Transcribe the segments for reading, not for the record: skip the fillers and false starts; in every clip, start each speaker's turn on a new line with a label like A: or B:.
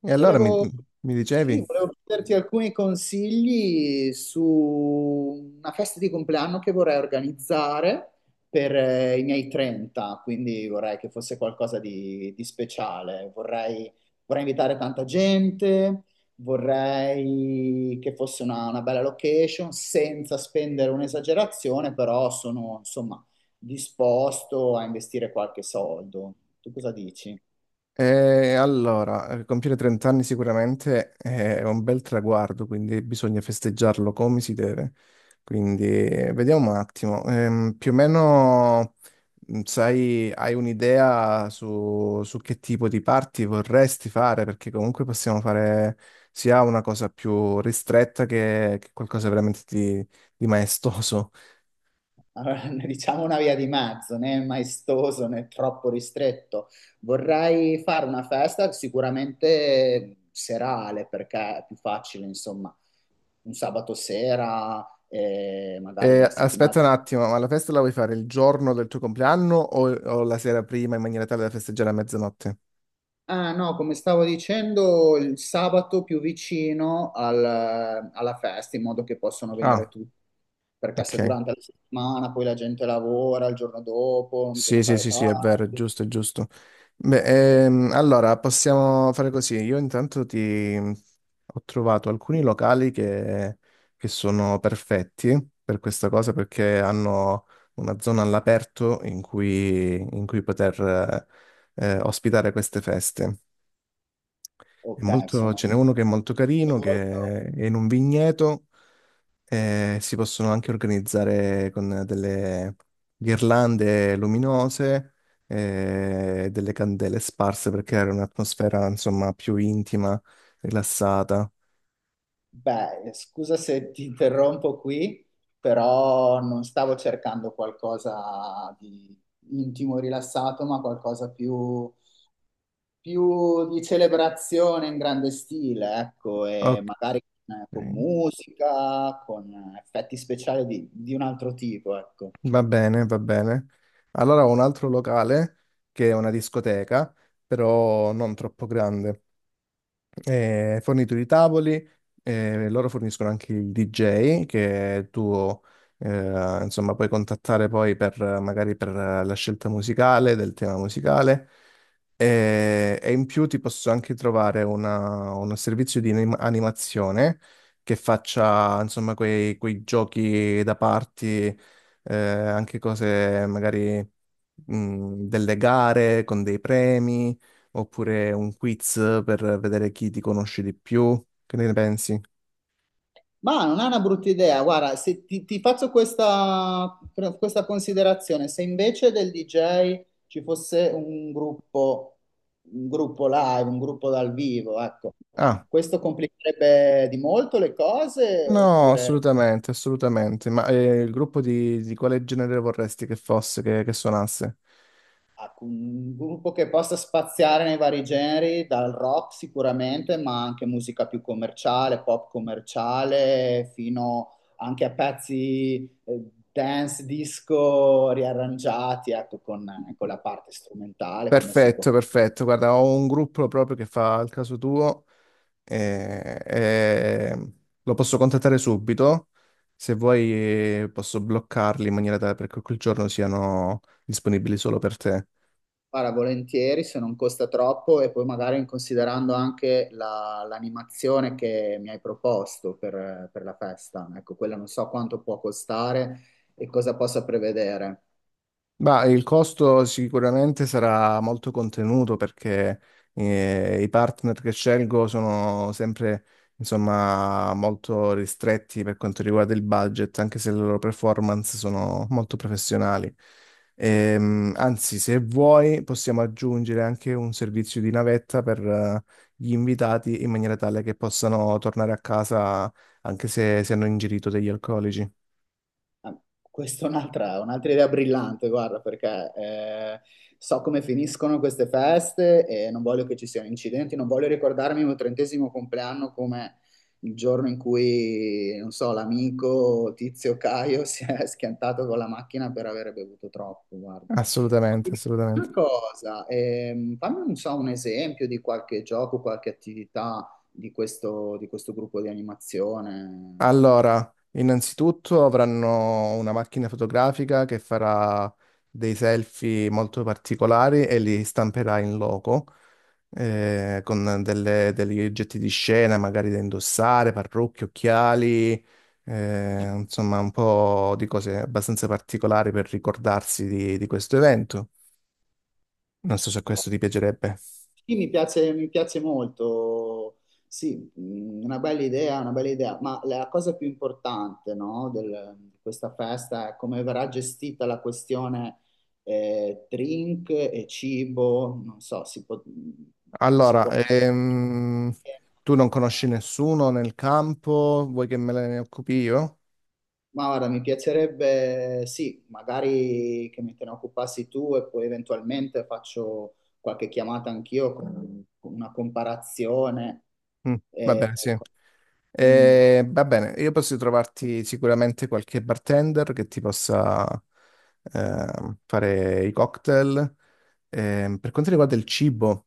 A: E allora mi,
B: Volevo,
A: mi
B: sì,
A: dicevi?
B: volevo chiederti alcuni consigli su una festa di compleanno che vorrei organizzare per i miei 30, quindi vorrei che fosse qualcosa di speciale. Vorrei invitare tanta gente, vorrei che fosse una bella location senza spendere un'esagerazione, però sono insomma disposto a investire qualche soldo. Tu cosa dici?
A: E allora, compiere 30 anni sicuramente è un bel traguardo, quindi bisogna festeggiarlo come si deve. Quindi vediamo un attimo, più o meno sai, hai un'idea su che tipo di party vorresti fare? Perché comunque possiamo fare sia una cosa più ristretta che qualcosa veramente di maestoso.
B: Allora, ne diciamo una via di mezzo, né maestoso né troppo ristretto. Vorrei fare una festa sicuramente serale perché è più facile, insomma, un sabato sera, magari della settimana.
A: Aspetta un attimo, ma la festa la vuoi fare il giorno del tuo compleanno o la sera prima in maniera tale da festeggiare a mezzanotte?
B: Ah, no, come stavo dicendo, il sabato più vicino alla festa, in modo che possano venire
A: Ah,
B: tutti, perché se
A: ok.
B: durante la settimana poi la gente lavora, il giorno dopo
A: Sì,
B: bisogna
A: sì,
B: fare
A: sì, sì, è vero, è
B: tardi.
A: giusto, è giusto. Beh, allora possiamo fare così. Io intanto ti ho trovato alcuni locali che sono perfetti per questa cosa perché hanno una zona all'aperto in cui poter ospitare queste feste.
B: Ok, sono.
A: Ce n'è uno che è molto carino, che è in un vigneto e si possono anche organizzare con delle ghirlande luminose e delle candele sparse per creare un'atmosfera, insomma, più intima, rilassata.
B: Beh, scusa se ti interrompo qui, però non stavo cercando qualcosa di intimo e rilassato, ma qualcosa più di celebrazione in grande stile, ecco, e
A: Ok,
B: magari con musica, con effetti speciali di un altro tipo, ecco.
A: va bene, va bene. Allora ho un altro locale che è una discoteca, però non troppo grande. Fornitori di tavoli, loro forniscono anche il DJ che tu insomma puoi contattare poi per magari per la scelta musicale, del tema musicale e in più ti posso anche trovare uno servizio di animazione che faccia insomma quei giochi da party, anche cose magari delle gare con dei premi. Oppure un quiz per vedere chi ti conosce di più? Che ne pensi?
B: Ma non è una brutta idea, guarda, se ti faccio questa considerazione, se invece del DJ ci fosse un gruppo live, un gruppo dal vivo, ecco,
A: Ah,
B: questo complicherebbe di molto le cose
A: no,
B: oppure...
A: assolutamente, assolutamente. Ma il gruppo di quale genere vorresti che fosse, che suonasse?
B: Ah, con un gruppo che possa spaziare nei vari generi, dal rock sicuramente, ma anche musica più commerciale, pop commerciale, fino anche a pezzi dance, disco riarrangiati, ecco, con la parte strumentale, come si
A: Perfetto,
B: può
A: perfetto. Guarda, ho un gruppo proprio che fa il caso tuo, eh, eh, lo posso contattare subito. Se vuoi posso bloccarli in maniera tale perché quel giorno siano disponibili solo per te.
B: fare volentieri se non costa troppo e poi magari considerando anche l'animazione che mi hai proposto per la festa. Ecco, quella non so quanto può costare e cosa possa prevedere.
A: Ma il costo sicuramente sarà molto contenuto perché i partner che scelgo sono insomma, molto ristretti per quanto riguarda il budget, anche se le loro performance sono molto professionali. Anzi, se vuoi, possiamo aggiungere anche un servizio di navetta per gli invitati in maniera tale che possano tornare a casa anche se hanno ingerito degli alcolici.
B: Ah, questa è un'altra idea brillante, guarda, perché so come finiscono queste feste e non voglio che ci siano incidenti, non voglio ricordarmi il mio trentesimo compleanno come il giorno in cui, non so, l'amico Tizio Caio si è schiantato con la macchina per aver bevuto troppo, guarda. Ma
A: Assolutamente,
B: dimmi
A: assolutamente.
B: una cosa, fammi non so, un esempio di qualche gioco, qualche attività di di questo gruppo di animazione.
A: Allora, innanzitutto avranno una macchina fotografica che farà dei selfie molto particolari e li stamperà in loco, con degli oggetti di scena, magari da indossare, parrucche, occhiali, insomma un po' di cose abbastanza particolari per ricordarsi di questo evento. Non so se questo ti piacerebbe.
B: Sì, mi piace molto, sì, una bella idea, ma la cosa più importante, no, di questa festa è come verrà gestita la questione drink e cibo, non so, si può, mm, si
A: Allora,
B: può. Eh,
A: tu non conosci nessuno nel campo, vuoi che me ne occupi io?
B: Ma guarda, mi piacerebbe, sì, magari che me te ne occupassi tu e poi eventualmente faccio qualche chiamata anch'io con una comparazione.
A: Mm, va
B: Eh,
A: bene, sì.
B: ecco. Mm.
A: Va bene, io posso trovarti sicuramente qualche bartender che ti possa fare i cocktail. Per quanto riguarda il cibo,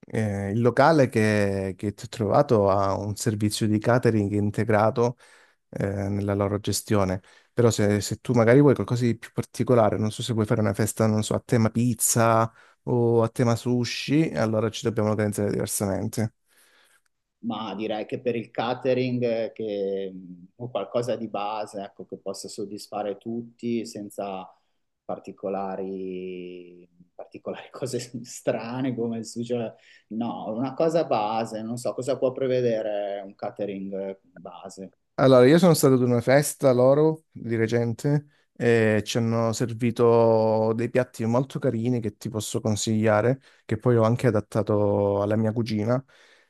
A: il locale che ti ho trovato ha un servizio di catering integrato nella loro gestione. Però se tu magari vuoi qualcosa di più particolare, non so se vuoi fare una festa, non so, a tema pizza o a tema sushi, allora ci dobbiamo organizzare diversamente.
B: Ma direi che per il catering che, o qualcosa di base, ecco, che possa soddisfare tutti senza particolari, particolari cose strane come il sugo. No, una cosa base, non so cosa può prevedere un catering base.
A: Allora, io sono stato ad una festa loro di recente e ci hanno servito dei piatti molto carini che ti posso consigliare, che poi ho anche adattato alla mia cugina.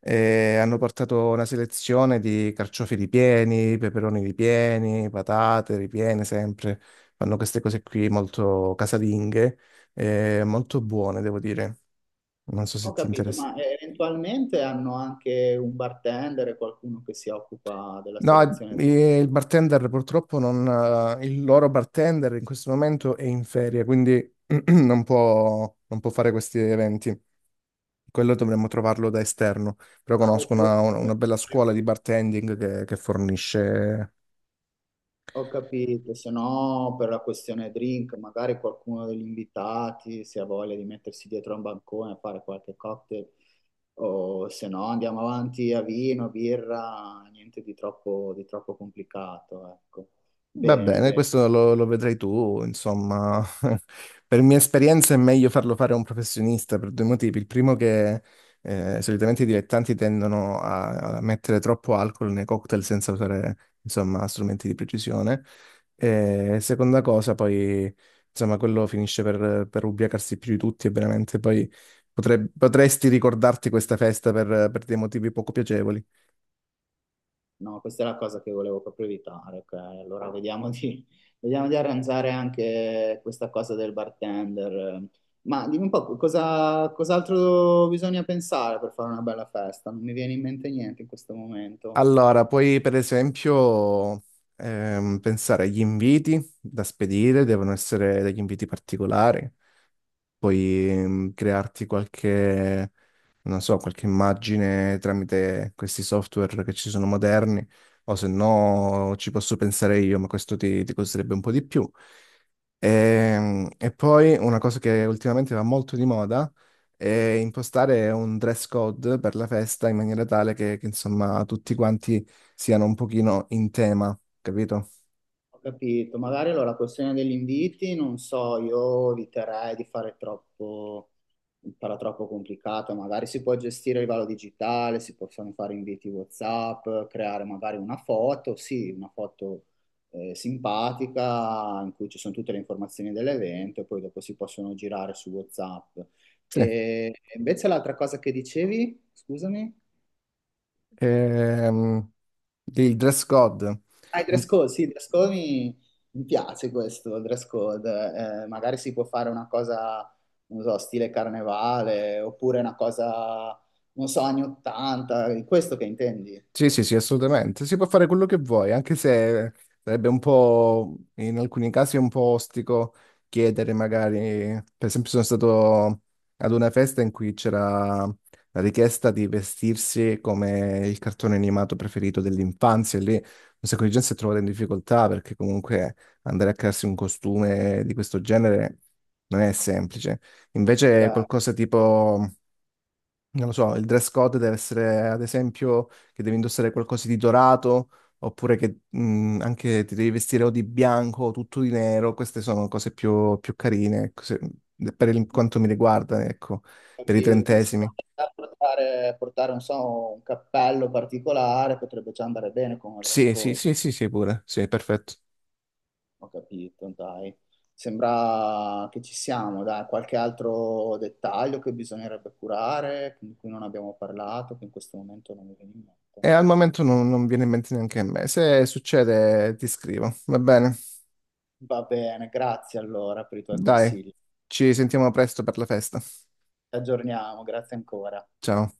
A: E hanno portato una selezione di carciofi ripieni, peperoni ripieni, patate ripiene sempre. Fanno queste cose qui molto casalinghe e molto buone, devo dire. Non so se
B: Ho
A: ti
B: capito,
A: interessa.
B: ma eventualmente hanno anche un bartender e qualcuno che si occupa della
A: No,
B: selezione.
A: il bartender purtroppo non, il loro bartender in questo momento è in ferie, quindi non non può fare questi eventi. Quello dovremmo trovarlo da esterno, però
B: Ah,
A: conosco
B: oppure
A: una bella scuola di bartending che fornisce.
B: ho capito, se no per la questione drink, magari qualcuno degli invitati se ha voglia di mettersi dietro a un bancone a fare qualche cocktail, o se no andiamo avanti a vino, birra, niente di troppo, di troppo complicato, ecco.
A: Va
B: Bene,
A: bene,
B: bene.
A: questo lo vedrai tu, insomma, per mia esperienza è meglio farlo fare a un professionista per due motivi. Il primo che solitamente i dilettanti tendono a mettere troppo alcol nei cocktail senza usare, insomma, strumenti di precisione. E seconda cosa, poi, insomma, quello finisce per ubriacarsi più di tutti e veramente poi potresti ricordarti questa festa per dei motivi poco piacevoli.
B: No, questa è la cosa che volevo proprio evitare. Ok? Allora vediamo di arrangiare anche questa cosa del bartender. Ma dimmi un po' cosa, cos'altro bisogna pensare per fare una bella festa? Non mi viene in mente niente in questo momento.
A: Allora, puoi per esempio pensare agli inviti da spedire, devono essere degli inviti particolari, puoi crearti qualche, non so, qualche immagine tramite questi software che ci sono moderni, o se no ci posso pensare io, ma questo ti costerebbe un po' di più. E poi una cosa che ultimamente va molto di moda è impostare un dress code per la festa in maniera tale insomma tutti quanti siano un pochino in tema, capito?
B: Ho capito, magari allora la questione degli inviti, non so, io eviterei di fare troppo, di farla troppo complicato, magari si può gestire a livello digitale, si possono fare inviti WhatsApp, creare magari una foto, sì, una foto simpatica in cui ci sono tutte le informazioni dell'evento e poi dopo si possono girare su WhatsApp.
A: Sì.
B: E invece l'altra cosa che dicevi, scusami?
A: Ehm, il dress code.
B: Ah, il dress code, sì, il dress code mi piace questo il dress code. Magari si può fare una cosa, non so, stile carnevale, oppure una cosa, non so, anni 80, è questo che intendi?
A: Sì, sì, sì, assolutamente. Si può fare quello che vuoi, anche se sarebbe un po', in alcuni casi, un po' ostico chiedere magari, per esempio sono stato ad una festa in cui c'era la richiesta di vestirsi come il cartone animato preferito dell'infanzia, e lì un sacco di gente si è trovata in difficoltà perché comunque andare a crearsi un costume di questo genere non è semplice. Invece
B: Cioè,
A: qualcosa tipo... Non lo so, il dress code deve essere, ad esempio, che devi indossare qualcosa di dorato, oppure che anche ti devi vestire o di bianco o tutto di nero. Queste sono cose più carine, ecco, per quanto mi riguarda, ecco, per i
B: quindi se
A: trentesimi.
B: potete portare, non so, un cappello particolare potrebbe già andare bene con un dress
A: Sì, sì,
B: code.
A: sì, sì, sì, pure, sì, perfetto.
B: Ho capito, dai. Sembra che ci siamo, dai, qualche altro dettaglio che bisognerebbe curare, di cui non abbiamo parlato, che in questo momento non mi viene in mente.
A: E al momento non viene in mente neanche a me. Se succede, ti scrivo, va bene?
B: Va bene, grazie allora per i tuoi
A: Dai,
B: consigli.
A: ci sentiamo presto per la festa.
B: Ci aggiorniamo, grazie ancora.
A: Ciao.